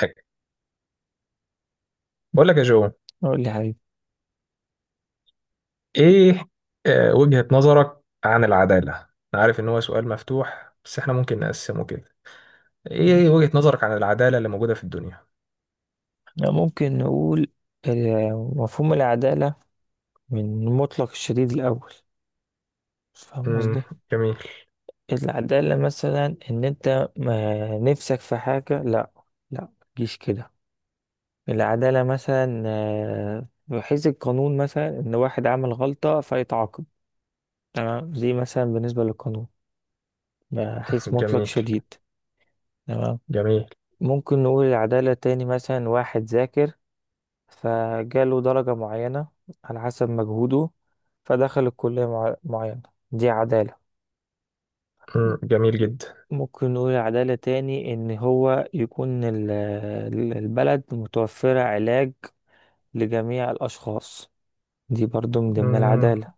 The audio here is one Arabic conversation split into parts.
حاجة. بقول لك يا جو. أقول لي حبيبي. ايه، آه، وجهة نظرك عن العدالة. انا عارف ان هو سؤال مفتوح بس احنا ممكن نقسمه كده. ايه، وجهة نظرك عن العدالة اللي موجودة في الدنيا. إحنا ممكن نقول مفهوم العدالة من مطلق الشديد الأول. فاهم امم قصدي؟ جميل. العدالة مثلا إن أنت ما نفسك في حاجة، لأ، لأ، متجيش كده. العدالة مثلا، بحيث القانون مثلا إن واحد عمل غلطة فيتعاقب. تمام، دي مثلا بالنسبة للقانون، بحيث مطلق جميل. شديد. تمام. جميل. ممكن نقول العدالة تاني، مثلا واحد ذاكر فجاله درجة معينة على حسب مجهوده، فدخل الكلية معينة. دي عدالة. جميل جدا. ممكن نقول عدالة تاني إن هو يكون البلد متوفرة علاج لجميع الأشخاص. دي برضو من ضمن مم. العدالة.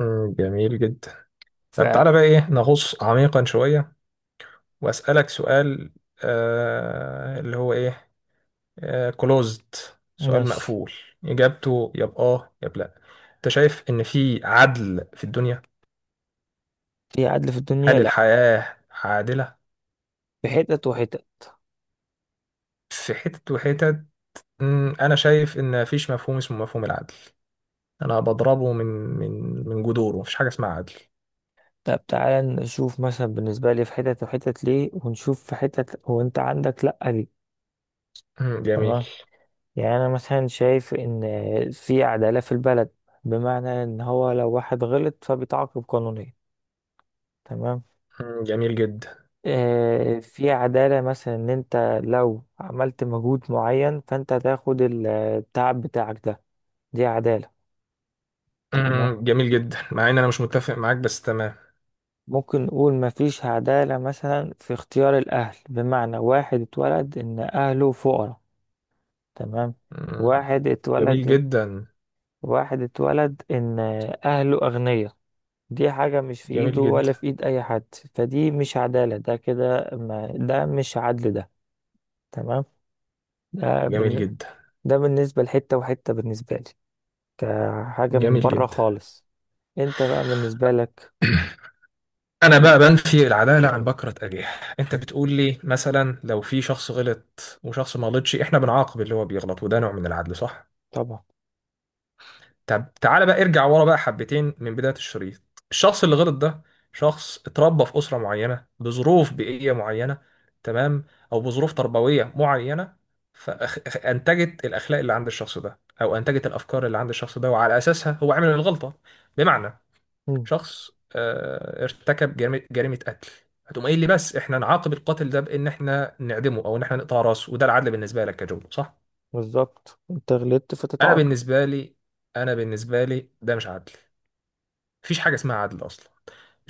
جميل جدا. طب تعالى بقى، ايه، نغوص عميقا شوية واسألك سؤال. آه، اللي هو ايه، كلوزد، سؤال فماشي. مقفول، اجابته يا بآه يا بلا. انت شايف ان في عدل في الدنيا؟ في عدل في الدنيا؟ هل لأ، الحياة عادلة؟ في حتت وحتت. في حتت وحتت. أنا شايف إن مفيش مفهوم اسمه مفهوم العدل. أنا بضربه من من جذوره. مفيش حاجة اسمها عدل. طب تعالى نشوف مثلا بالنسبة لي في حتت وحتت ليه، ونشوف في حتت وانت عندك لأ ليه. جميل. تمام. يعني أنا مثلا شايف إن في عدالة في البلد، بمعنى إن هو لو واحد غلط فبيتعاقب قانونيا. تمام. جميل جدا. آه، في عدالة مثلا إن أنت لو عملت مجهود معين فأنت هتاخد التعب بتاعك ده. دي عدالة. تمام. جميل جدا مع إن أنا مش متفق معاك بس تمام. ممكن نقول مفيش عدالة مثلا في اختيار الأهل، بمعنى واحد اتولد إن أهله فقراء. تمام. مم، واحد جميل اتولد، جدا. واحد اتولد إن أهله أغنياء. دي حاجة مش في جميل ايده ولا جدا. في ايد اي حد. فدي مش عدالة، ده كده ما ده مش عدل ده. تمام. ده جميل بالن... جدا. ده بالنسبة لحتة وحتة بالنسبة لي، كحاجة من جميل بره جدا. خالص. انت بقى بالنسبة لك. أنا بقى بنفي العدالة عن بكرة أجيال. أنت بتقول لي مثلا لو في شخص غلط وشخص ما غلطش، إحنا بنعاقب اللي هو بيغلط وده نوع من العدل، صح؟ طبعا. طب تعالى بقى ارجع ورا بقى حبتين من بداية الشريط. الشخص اللي غلط ده، شخص اتربى في أسرة معينة بظروف بيئية معينة، تمام، أو بظروف تربوية معينة، فأنتجت الأخلاق اللي عند الشخص ده أو أنتجت الأفكار اللي عند الشخص ده وعلى أساسها هو عمل الغلطة. بمعنى، مم. شخص، ارتكب جريمة، جريمة قتل. هتقوم قايل لي بس احنا نعاقب القاتل ده بإن احنا نعدمه أو إن احنا نقطع راسه وده العدل بالنسبة لك يا جمله، صح؟ بالظبط، انت غلطت أنا فتتعاقب. بالنسبة لي، أنا بالنسبة لي ده مش عدل. مفيش حاجة اسمها عدل أصلا.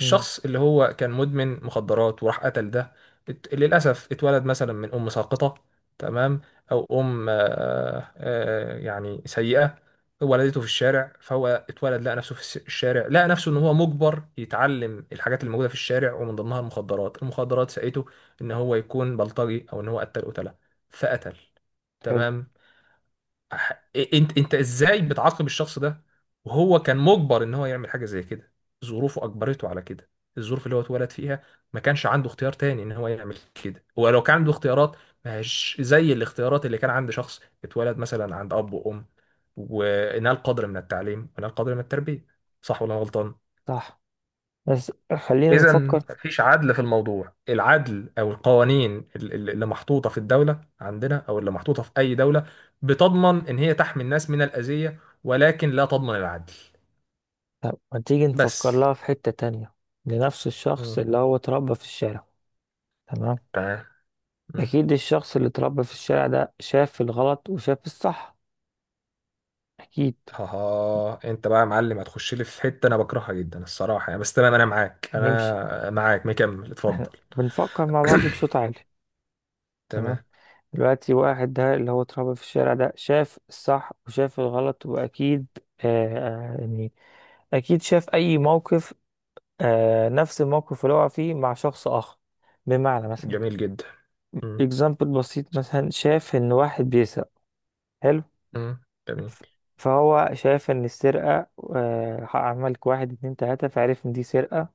مم. اللي هو كان مدمن مخدرات وراح قتل ده، للأسف اتولد مثلا من أم ساقطة، تمام، أو أم، يعني سيئة، ولدته في الشارع، فهو اتولد لقى نفسه في الشارع، لقى نفسه إن هو مجبر يتعلم الحاجات اللي موجودة في الشارع ومن ضمنها المخدرات المخدرات سقته إن هو يكون بلطجي أو إن هو قتل قتلة، فقتل. حلو. تمام. أح- انت ازاي بتعاقب الشخص ده وهو كان مجبر ان هو يعمل حاجه زي كده؟ ظروفه اجبرته على كده، الظروف اللي هو اتولد فيها. ما كانش عنده اختيار تاني ان هو يعمل كده. هو لو كان عنده اختيارات مش زي الاختيارات اللي كان عند شخص اتولد مثلا عند اب وام ونال قدر من التعليم ونال قدر من التربيه. صح ولا أنا غلطان؟ صح، بس خلينا إذا نفكر. مفيش عدل في الموضوع. العدل أو القوانين اللي محطوطة في الدولة عندنا أو اللي محطوطة في أي دولة، بتضمن إن هي تحمي الناس من الأذية ولكن لا تضمن العدل. طب ما تيجي نفكر بس. لها في حتة تانية، لنفس الشخص مم. اللي هو اتربى في الشارع. تمام. تمام. مم. اكيد الشخص اللي اتربى في الشارع ده شاف الغلط وشاف الصح، أكيد. ها انت بقى يا معلم، هتخش لي في حته انا بكرهها جدا الصراحه يعني، بس تمام، انا معاك، نمشي. انا معاك مكمل، اتفضل. بنفكر مع بعض بصوت عالي. تمام. تمام. دلوقتي واحد ده اللي هو اتربى في الشارع ده شاف الصح وشاف الغلط، وأكيد آه يعني أكيد شاف أي موقف، آه، نفس الموقف اللي هو فيه مع شخص آخر. بمعنى مثلا جميل جدا. مم. example بسيط، مثلا شاف إن واحد بيسرق. حلو. مم. جميل. ف- فهو شاف إن السرقة، آه، عملك واحد اتنين تلاتة فعرف إن دي سرقة.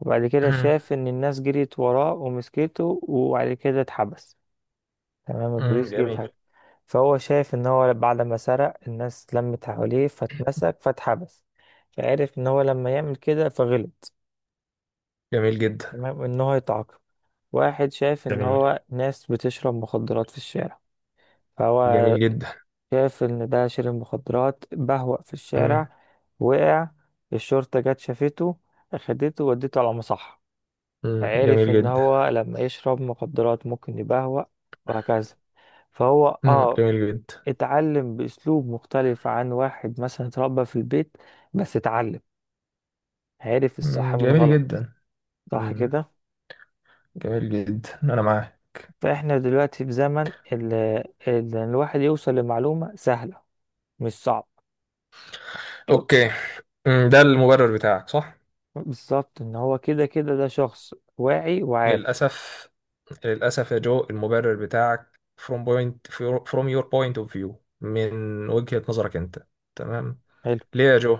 وبعد كده مم. شاف إن الناس جريت وراه ومسكته، وبعد كده اتحبس. تمام، مم. البوليس جه جميل. واتحبس. فهو شايف ان هو بعد ما سرق الناس لمت حواليه فاتمسك فاتحبس، فعرف ان هو لما يعمل كده فغلط. جميل جدا. تمام، ان هو يتعاقب. واحد شايف ان جميل. هو ناس بتشرب مخدرات في الشارع، فهو جميل شايف ان ده شرب مخدرات بهوأ في جدا. الشارع، وقع، الشرطة جت شافته، اخدته وديته على مصحة. مم، فعرف جميل ان جدا. هو لما يشرب مخدرات ممكن يبهوأ. وهكذا. فهو مم، جميل جدا. اتعلم بأسلوب مختلف عن واحد مثلا اتربى في البيت، بس اتعلم، عرف الصح مم، من جميل غلط. جدا. صح مم، كده. جميل جدا انا معاك. فاحنا دلوقتي في زمن ان الواحد يوصل لمعلومة سهلة، مش صعب. اوكي. مم، ده المبرر بتاعك، صح. بالظبط ان هو كده كده ده شخص واعي وعارف. للاسف، للاسف يا جو المبرر بتاعك from point, from your point of view, من وجهة نظرك انت. تمام. حلو. ليه يا جو؟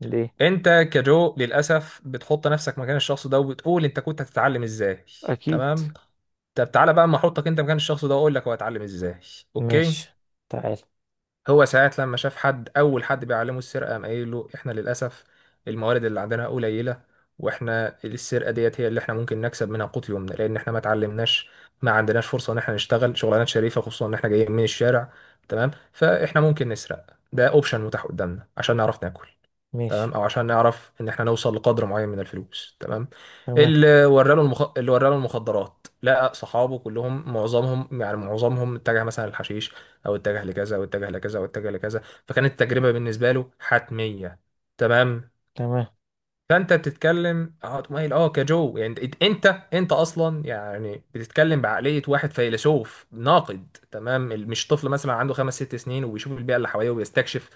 ليه؟ انت كجو للاسف بتحط نفسك مكان الشخص ده وبتقول انت كنت هتتعلم ازاي. اكيد. تمام. طب تعالى بقى اما احطك انت مكان الشخص ده واقول لك هو هيتعلم ازاي. اوكي. ماشي، تعال. هو ساعات لما شاف حد، اول حد بيعلمه السرقه، قام قايل له احنا للاسف الموارد اللي عندنا قليله، واحنا السرقه ديت هي اللي احنا ممكن نكسب منها قوت يومنا لان احنا ما اتعلمناش، ما عندناش فرصه ان احنا نشتغل شغلانات شريفه خصوصا ان احنا جايين من الشارع. تمام. فاحنا ممكن نسرق. ده اوبشن متاح قدامنا عشان نعرف ناكل. ماشي. تمام، او عشان نعرف ان احنا نوصل لقدر معين من الفلوس. تمام. تمام. اللي وراله اللي وراله المخدرات، لقى صحابه كلهم، معظمهم، يعني معظمهم اتجه مثلا للحشيش او اتجه لكذا او اتجه لكذا او اتجه لكذا. فكانت التجربه بالنسبه له حتميه. تمام. تمام. فانت بتتكلم اه، مايل اه كجو، يعني انت اصلا يعني بتتكلم بعقليه واحد فيلسوف ناقد. تمام. مش طفل مثلا عنده 5 6 سنين وبيشوف البيئه اللي حواليه وبيستكشف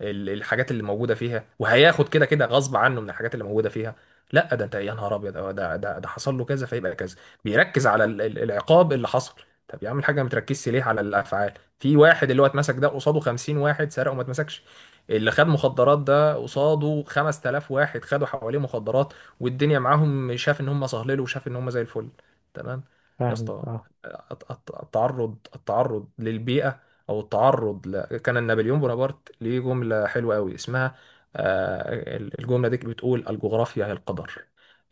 الحاجات اللي موجوده فيها، وهياخد كده كده غصب عنه من الحاجات اللي موجوده فيها. لا ده انت يا نهار ابيض، اه، ده حصل له كذا فيبقى كذا. بيركز على العقاب اللي حصل. طب يا عم الحاجه، ما تركزش ليه على الافعال؟ في واحد اللي هو اتمسك ده، قصاده 50 واحد سرق وما اتمسكش. اللي خد مخدرات ده، قصاده 5000 واحد خدوا حواليه مخدرات والدنيا معاهم، شاف ان هم صهللوا وشاف ان هم زي الفل. تمام. يا فاهمك، اسطى، اه. التعرض للبيئة، او التعرض كان نابليون بونابرت ليه جملة حلوة قوي اسمها، الجملة دي بتقول الجغرافيا هي القدر.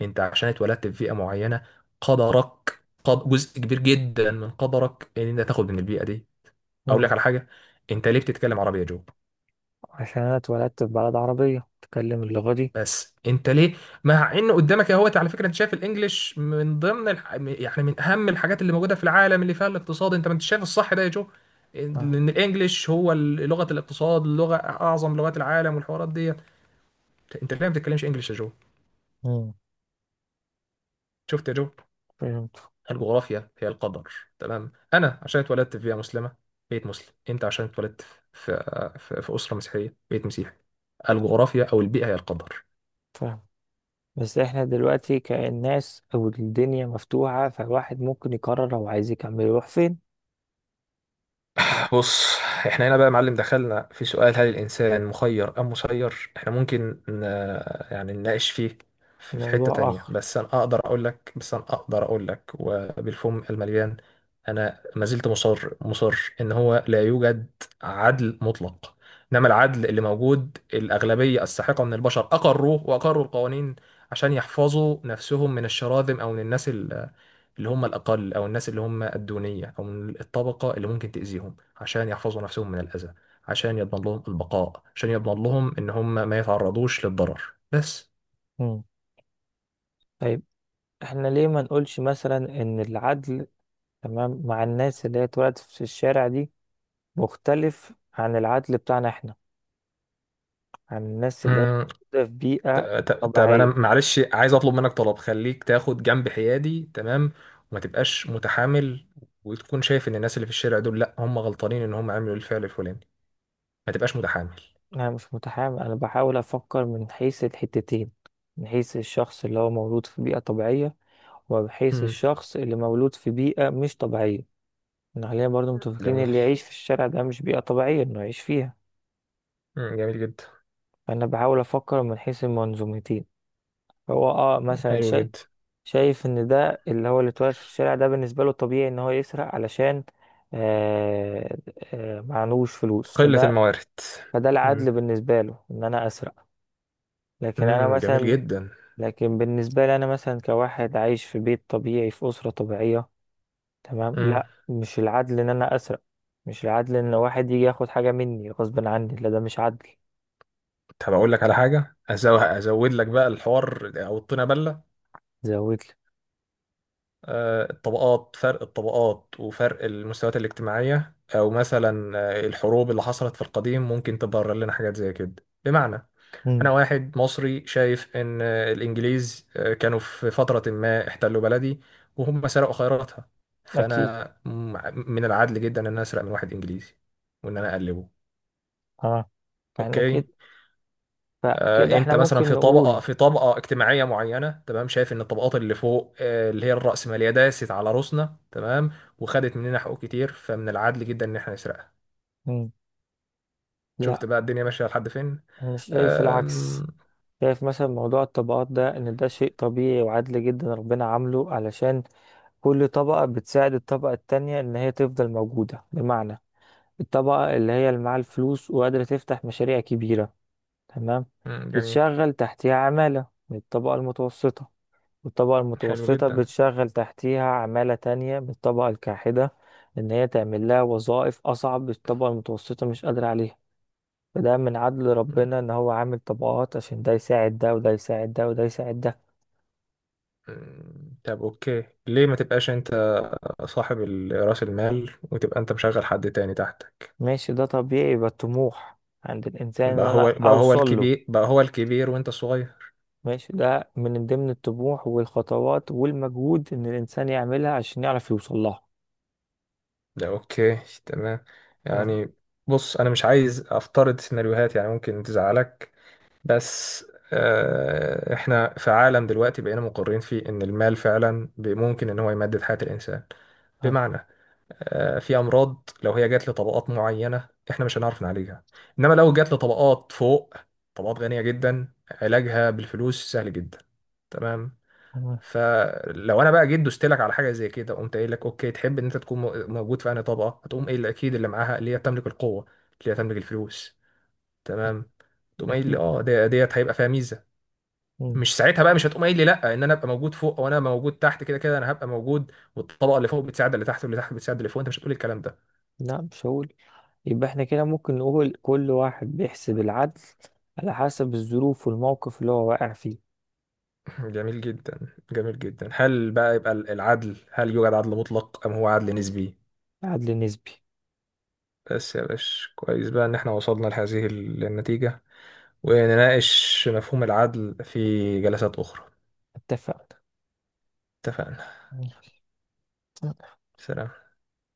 انت عشان اتولدت في بيئة معينة، قدرك، جزء كبير جدا من قدرك ان انت تاخد من البيئة دي. اقول لك مم. على حاجة، انت ليه بتتكلم عربي يا جو؟ عشان انا اتولدت في بلد عربية بتكلم اللغة دي. بس انت ليه؟ مع ان قدامك اهوت، على فكره انت شايف الانجليش من ضمن يعني من اهم الحاجات اللي موجوده في العالم اللي فيها الاقتصاد، انت ما انت شايف الصح ده يا جو، اه. لان الانجليش هو لغه الاقتصاد، لغه اعظم لغات العالم والحوارات دي. انت ليه ما بتتكلمش انجليش يا جو؟ مم. شفت يا جو، فهمت. الجغرافيا هي القدر. تمام. انا عشان اتولدت في بيئه مسلمه، بيت مسلم. انت عشان اتولدت في، في اسره مسيحيه، بيت مسيحي. الجغرافيا او البيئه هي القدر. فاهم، بس احنا دلوقتي كالناس او الدنيا مفتوحة، فالواحد ممكن يقرر لو عايز يكمل يروح فين. يعني بص، احنا هنا بقى يا معلم دخلنا في سؤال هل الإنسان مخير أم مسير. احنا ممكن يعني نناقش فيه في، في حتة موضوع تانية. اخر. بس أنا أقدر أقول لك، وبالفم المليان، أنا ما زلت مصر إن هو لا يوجد عدل مطلق. إنما العدل اللي موجود، الأغلبية الساحقة من البشر أقروه وأقروا القوانين عشان يحفظوا نفسهم من الشراذم أو من الناس اللي هم الأقل أو الناس اللي هم الدونية أو من الطبقة اللي ممكن تأذيهم، عشان يحفظوا نفسهم من الأذى، عشان يضمن لهم البقاء، عشان يضمن لهم إن هم ما يتعرضوش للضرر. بس. مم. طيب. احنا ليه ما نقولش مثلا ان العدل، تمام، مع الناس اللي هي اتولدت في الشارع دي، مختلف عن العدل بتاعنا احنا، عن الناس اللي هي مم، موجودة في بيئة طب أنا طبيعية. معلش عايز أطلب منك طلب، خليك تاخد جنب حيادي تمام، وما تبقاش متحامل، وتكون شايف إن الناس اللي في الشارع دول لأ هم غلطانين إن هم عملوا الفعل الفلاني. ما تبقاش متحامل. انا مش متحامل، انا بحاول افكر من حيث الحتتين، من حيث الشخص اللي هو مولود في بيئة طبيعية، ومن حيث مم، الشخص اللي مولود في بيئة مش طبيعية. إن خلينا برضو متفقين جميل. اللي يعيش في الشارع ده مش بيئة طبيعية إنه يعيش فيها. مم، جميل جدا. فأنا بحاول أفكر من حيث المنظومتين. هو اه مثلا حلو جدا. شايف إن ده اللي هو اللي اتولد في الشارع ده بالنسبة له طبيعي إن هو يسرق علشان، آه معلوش فلوس، قلة الموارد. فده مم. العدل بالنسبة له إن أنا أسرق. لكن أنا جميل مثلا، جدا. لكن بالنسبة لي أنا مثلا كواحد عايش في بيت طبيعي في أسرة طبيعية، تمام، امم. لا، مش العدل إن أنا أسرق. مش العدل إن واحد يجي ياخد حاجة مني غصب عني، لا، ده مش عدل. طب اقول لك على حاجه، ازود لك بقى الحوار او الطينه بله. زود لي. الطبقات، فرق الطبقات وفرق المستويات الاجتماعيه، او مثلا، الحروب اللي حصلت في القديم ممكن تبرر لنا حاجات زي كده. بمعنى، انا امم. واحد مصري شايف ان، الانجليز، كانوا في فتره ما احتلوا بلدي وهم سرقوا خيراتها، اكيد. فانا من العدل جدا ان انا اسرق من واحد انجليزي وان انا اقلبه. اه. احنا اوكي. كده، فكده انت احنا مثلا ممكن نقول. في طبقه اجتماعيه معينه، تمام، شايف ان الطبقات اللي فوق، اللي هي الرأسماليه داست على روسنا، تمام، وخدت مننا حقوق كتير، فمن العدل جدا ان احنا نسرقها. امم شفت لا، بقى الدنيا ماشيه لحد فين. انا شايف العكس. آم، شايف مثلا موضوع الطبقات ده ان ده شيء طبيعي وعادل جدا، ربنا عامله علشان كل طبقة بتساعد الطبقة التانية ان هي تفضل موجودة. بمعنى الطبقة اللي هي اللي معاها الفلوس وقادرة تفتح مشاريع كبيرة، تمام، مم، جميل. بتشغل تحتها عمالة من الطبقة المتوسطة، والطبقة حلو المتوسطة جدا. بتشغل تحتيها عمالة تانية بالطبقة الكاحدة، إن هي تعمل لها وظائف أصعب الطبقة المتوسطة مش قادرة عليها. فده من عدل ربنا إن هو عامل طبقات عشان ده يساعد ده وده يساعد ده وده يساعد ده. مم، طب اوكي، ليه ما تبقاش انت صاحب راس المال وتبقى انت مشغل حد تاني تحتك؟ ماشي، ده طبيعي، يبقى الطموح عند الإنسان إن أنا أوصل له. بقى هو الكبير وانت الصغير. ماشي، ده من ضمن الطموح والخطوات والمجهود إن الإنسان يعملها عشان يعرف يوصل لها. ده اوكي. تمام. فاهم. يعني، بص، انا مش عايز افترض سيناريوهات يعني ممكن تزعلك، بس، احنا في عالم دلوقتي بقينا مقرين فيه ان المال فعلا ممكن ان هو يمدد حياة الانسان. فاهم. بمعنى، في امراض لو هي جات لطبقات معينة احنا مش هنعرف نعالجها، انما لو جات لطبقات فوق، طبقات غنية جدا، علاجها بالفلوس سهل جدا. تمام. فاهم. فلو انا بقى جيت دوست لك على حاجه زي كده، قمت قايل لك اوكي تحب ان انت تكون موجود في انهي طبقه، هتقوم قايل لي اكيد اللي معاها، اللي هي تملك القوه، اللي هي تملك الفلوس. تمام. تقوم قايل لي أكيد. اه ديت هيبقى فيها ميزه. مم. مش ساعتها بقى مش هتقوم قايل لي لا ان انا ابقى موجود فوق او انا أبقى موجود تحت، كده كده انا هبقى موجود والطبقه اللي فوق بتساعد اللي تحت واللي تحت بتساعد اللي فوق. انت مش هتقول الكلام ده. لا، مش هقول. يبقى احنا كده ممكن نقول كل واحد بيحسب العدل على حسب الظروف والموقف اللي هو واقع فيه. جميل جدا. جميل جدا. هل بقى يبقى العدل، هل يوجد عدل مطلق ام هو عدل نسبي؟ عدل نسبي. بس يا باشا كويس بقى ان احنا وصلنا لهذه النتيجه، ونناقش مفهوم العدل في جلسات أخرى. اتفقنا. اتفقنا. سلام.